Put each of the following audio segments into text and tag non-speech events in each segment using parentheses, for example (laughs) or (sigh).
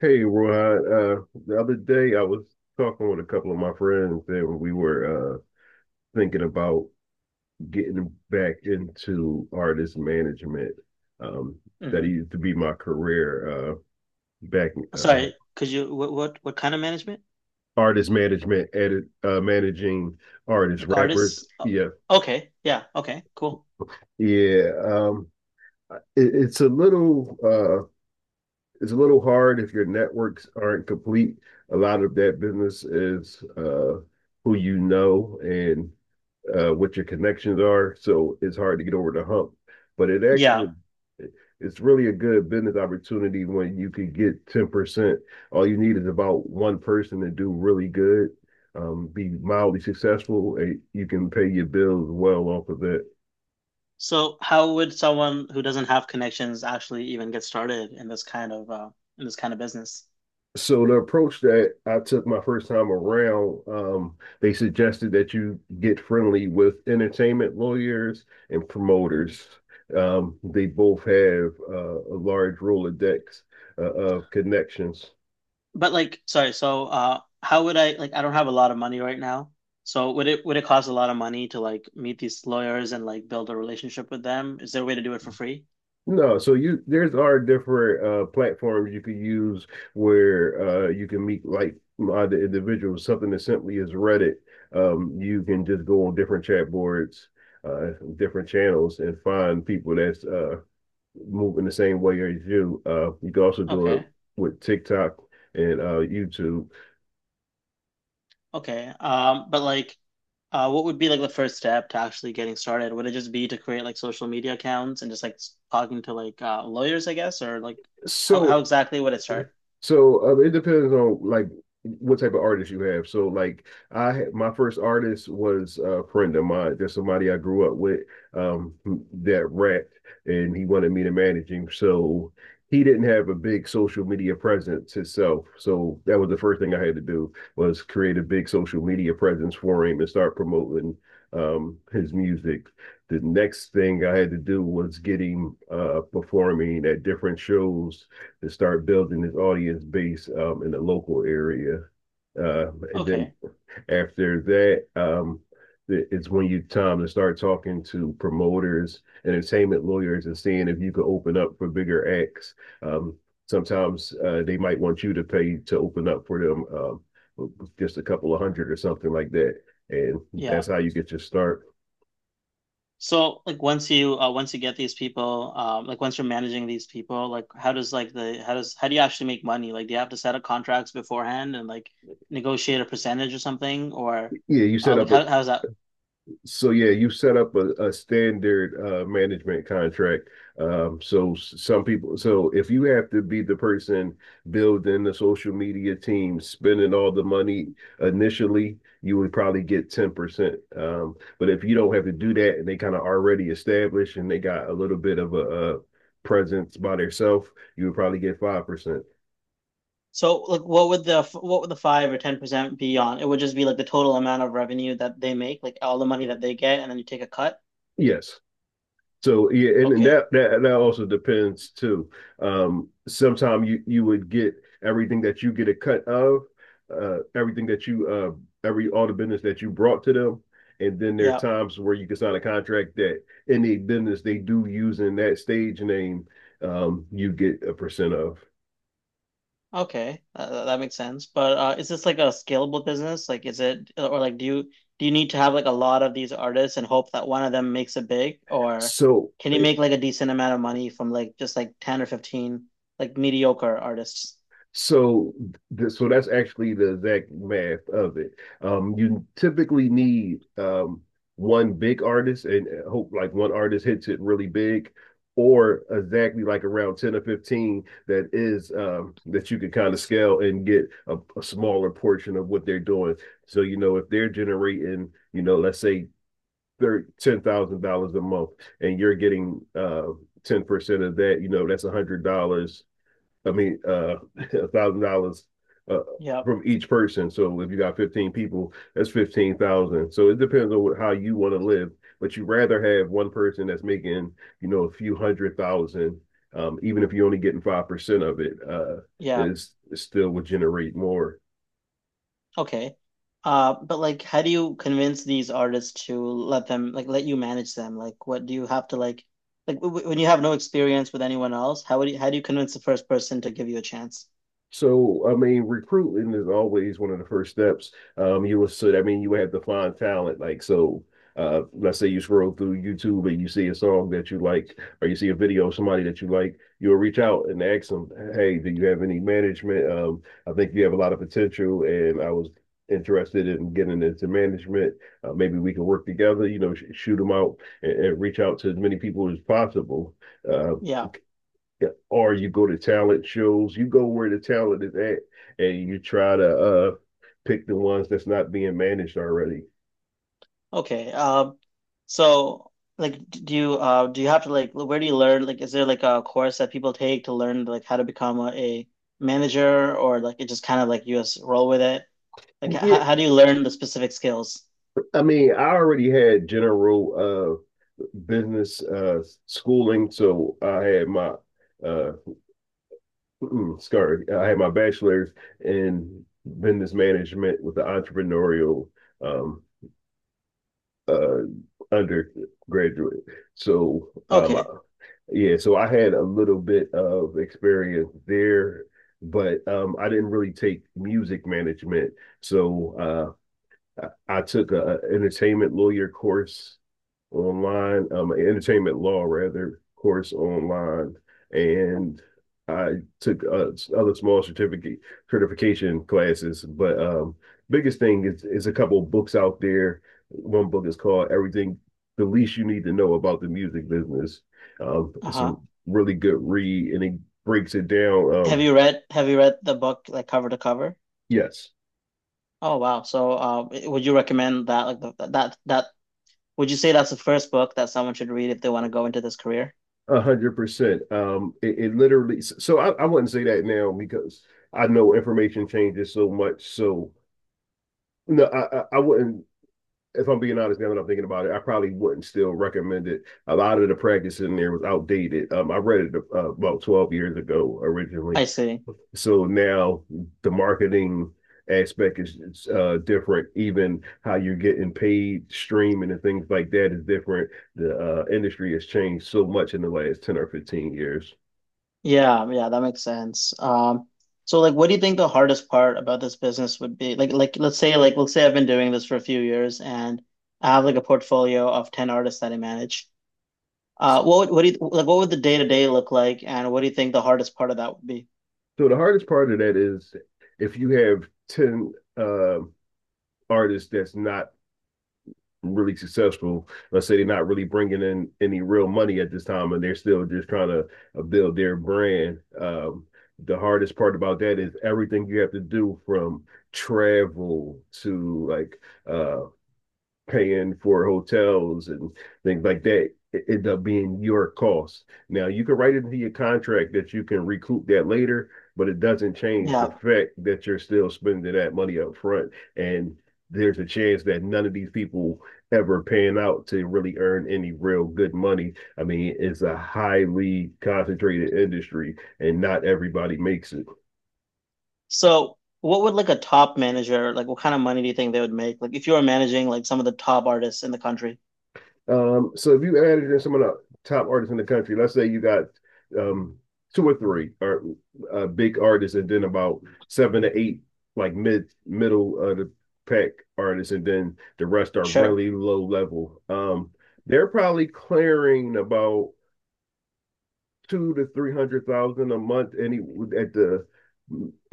Hey, Rod. The other day I was talking with a couple of my friends and we were thinking about getting back into artist management. Um, that Hmm. used to be my career back uh, Sorry, could you what kind of management? artist management, edit, managing artists, Like rappers. artists? Oh, Yeah, okay, yeah, okay, cool. yeah. It's a little, it's a little hard if your networks aren't complete. A lot of that business is who you know and what your connections are. So it's hard to get over the hump. But Yeah. it's really a good business opportunity when you could get 10%. All you need is about one person to do really good, be mildly successful, and you can pay your bills well off of that. So how would someone who doesn't have connections actually even get started in this kind of business? So the approach that I took my first time around, they suggested that you get friendly with entertainment lawyers and Hmm. promoters. They both have a large Rolodex of connections. But like, sorry, so how would I like I don't have a lot of money right now. So would it cost a lot of money to like meet these lawyers and like build a relationship with them? Is there a way to do it for free? No, so you there's are different platforms you could use where you can meet like-minded individuals. Something as simply as Reddit, you can just go on different chat boards, uh, different channels, and find people that's move in the same way as you. You can also do it Okay. with TikTok and YouTube. Okay. But like, what would be like the first step to actually getting started? Would it just be to create like social media accounts and just like talking to like lawyers, I guess, or like how So exactly would it start? So it depends on like what type of artist you have. So like my first artist was a friend of mine, just somebody I grew up with um that rapped and he wanted me to manage him. So he didn't have a big social media presence himself. So that was the first thing I had to do was create a big social media presence for him and start promoting his music. The next thing I had to do was get him performing at different shows to start building his audience base in the local area. And then Okay. after that, it's when you time to start talking to promoters, entertainment lawyers, and seeing if you could open up for bigger acts. Um, sometimes they might want you to pay to open up for them, just a couple of hundred or something like that, and Yeah. that's how you get your start. So like once you get these people, like once you're managing these people, like how does like the how does how do you actually make money? Like do you have to set up contracts beforehand and like negotiate a percentage or something, or Yeah, you set like up a how does that. So yeah, you set up a standard management contract. So some people, so if you have to be the person building the social media team, spending all the money initially, you would probably get 10%. But if you don't have to do that and they kind of already established and they got a little bit of a, presence by themselves, you would probably get 5%. So, like, what would the 5 or 10% be on? It would just be like the total amount of revenue that they make, like all the money that they get, and then you take a cut. Yes. So yeah, and Okay, that also depends too. Sometimes you would get everything that you get a cut of, every all the business that you brought to them, and then there are yeah, times where you can sign a contract that any business they do using that stage name, you get a percent of. okay, that makes sense. But is this like a scalable business? Like, is it, or like do you need to have like a lot of these artists and hope that one of them makes it big, or So can you make like a decent amount of money from like just like 10 or 15 like mediocre artists? So, so that's actually the exact math of it. You typically need one big artist, and hope like one artist hits it really big, or exactly like around 10 or 15 that is that you can kind of scale and get a smaller portion of what they're doing. So, you know, if they're generating, you know, let's say $10,000 a month, and you're getting 10% of that, you know, that's a hundred dollars I mean, (laughs) $1,000 uh, Yep. from each person. So if you got 15 people, that's 15,000. So it depends on how you want to live, but you rather have one person that's making, you know, a few hundred thousand, even if you're only getting 5% of it, Yeah. is still would generate more. Okay. But like, how do you convince these artists to let them like let you manage them? Like, what do you have to when you have no experience with anyone else? How do you convince the first person to give you a chance? So, I mean, recruiting is always one of the first steps. So I mean, you have to find talent. Like, so, let's say you scroll through YouTube and you see a song that you like, or you see a video of somebody that you like, you'll reach out and ask them, "Hey, do you have any management? I think you have a lot of potential, and I was interested in getting into management. Maybe we can work together. You know, sh shoot them out and reach out to as many people as possible." Uh, Yeah. yeah. Or you go to talent shows, you go where the talent is at, and you try to pick the ones that's not being managed already. Okay. So like, do you have to like where do you learn? Like, is there like a course that people take to learn like how to become a manager, or like it just kind of like you just roll with it? Like, h Yeah, how do you learn the specific skills? I mean, I already had general business schooling, so uh I had my bachelor's in business management with the entrepreneurial um uh undergraduate. So um Okay. Yeah, so I had a little bit of experience there, but I didn't really take music management. So I took a entertainment law rather course online, and I took other small certificate certification classes. But biggest thing is a couple of books out there. One book is called Everything the Least You Need to Know About the Music Business. It's a Uh-huh. really good read, and it breaks it down. Have you read the book like cover to cover? Yes, Oh, wow. So would you recommend that like the, that would you say that's the first book that someone should read if they want to go into this career? 100%. It, it literally. So I wouldn't say that now because I know information changes so much. So no, I wouldn't. If I'm being honest, now that I'm thinking about it, I probably wouldn't still recommend it. A lot of the practice in there was outdated. I read it about 12 years ago originally. I see. So now the marketing aspect is different. Even how you're getting paid, streaming, and things like that is different. The industry has changed so much in the last 10 or 15 years. Yeah, yeah, that makes sense. So like what do you think the hardest part about this business would be? Like let's say I've been doing this for a few years and I have like a portfolio of 10 artists that I manage. What would, what do you, like what would the day-to-day look like, and what do you think the hardest part of that would be? So the hardest part of that is if you have 10 artists that's not really successful, let's say they're not really bringing in any real money at this time, and they're still just trying to build their brand. The hardest part about that is everything you have to do from travel to like uh, paying for hotels and things like that it end up being your cost. Now you can write it into your contract that you can recoup that later, but it doesn't change the Yeah. fact that you're still spending that money up front. And there's a chance that none of these people ever pan out to really earn any real good money. I mean, it's a highly concentrated industry and not everybody makes it. So, what would like a top manager, like what kind of money do you think they would make? Like if you were managing like some of the top artists in the country. So if you added in some of the top artists in the country, let's say you got um two or three or big artists, and then about 7 to 8 like middle of the pack artists, and then the rest are Sure. really low level. They're probably clearing about two to three hundred thousand a month, any at the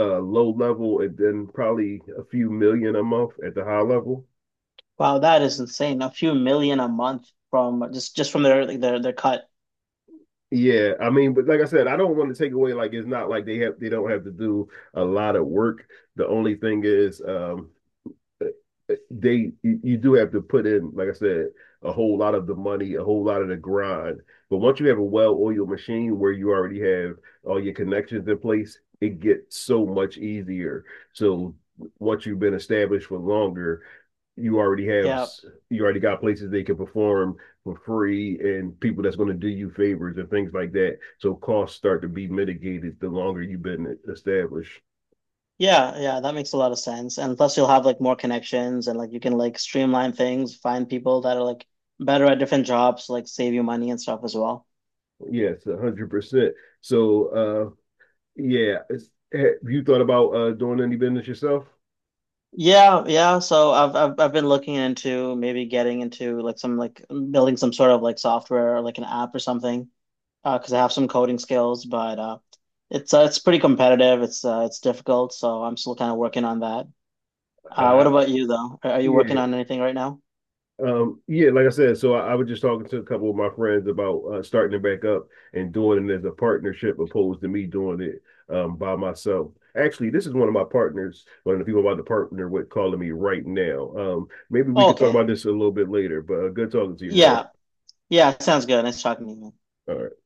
low level, and then probably a few million a month at the high level. Wow, that is insane. A few million a month from just from their like, their cut. Yeah, I mean, but like I said, I don't want to take away like it's not like they have they don't have to do a lot of work. The only thing is eh, eh, they you you do have to put in, like I said, a whole lot of the money, a whole lot of the grind. But once you have a well-oiled machine where you already have all your connections in place, it gets so much easier. So once you've been established for longer, you already have Yeah. you already got places they can perform for free and people that's going to do you favors and things like that. So costs start to be mitigated the longer you've been established. Yeah, yeah, that makes a lot of sense. And plus you'll have like more connections, and like you can like streamline things, find people that are like better at different jobs, like save you money and stuff as well. Yes, 100%. So yeah, it's, have you thought about doing any business yourself? Yeah, yeah. So I've been looking into maybe getting into like some like building some sort of like software or like an app or something, because I have some coding skills, but it's pretty competitive. It's difficult, so I'm still kind of working on that. What Uh about you though? Are you working yeah, on anything right now? Yeah, like I said, so I was just talking to a couple of my friends about starting it back up and doing it as a partnership opposed to me doing it by myself. Actually, this is one of my partners, one of the people I'm about to partner with calling me right now. Maybe we Oh, could talk okay. about this a little bit later, but good talking to you, Ron. Yeah. Yeah, sounds good. Nice talking to you, man. All right.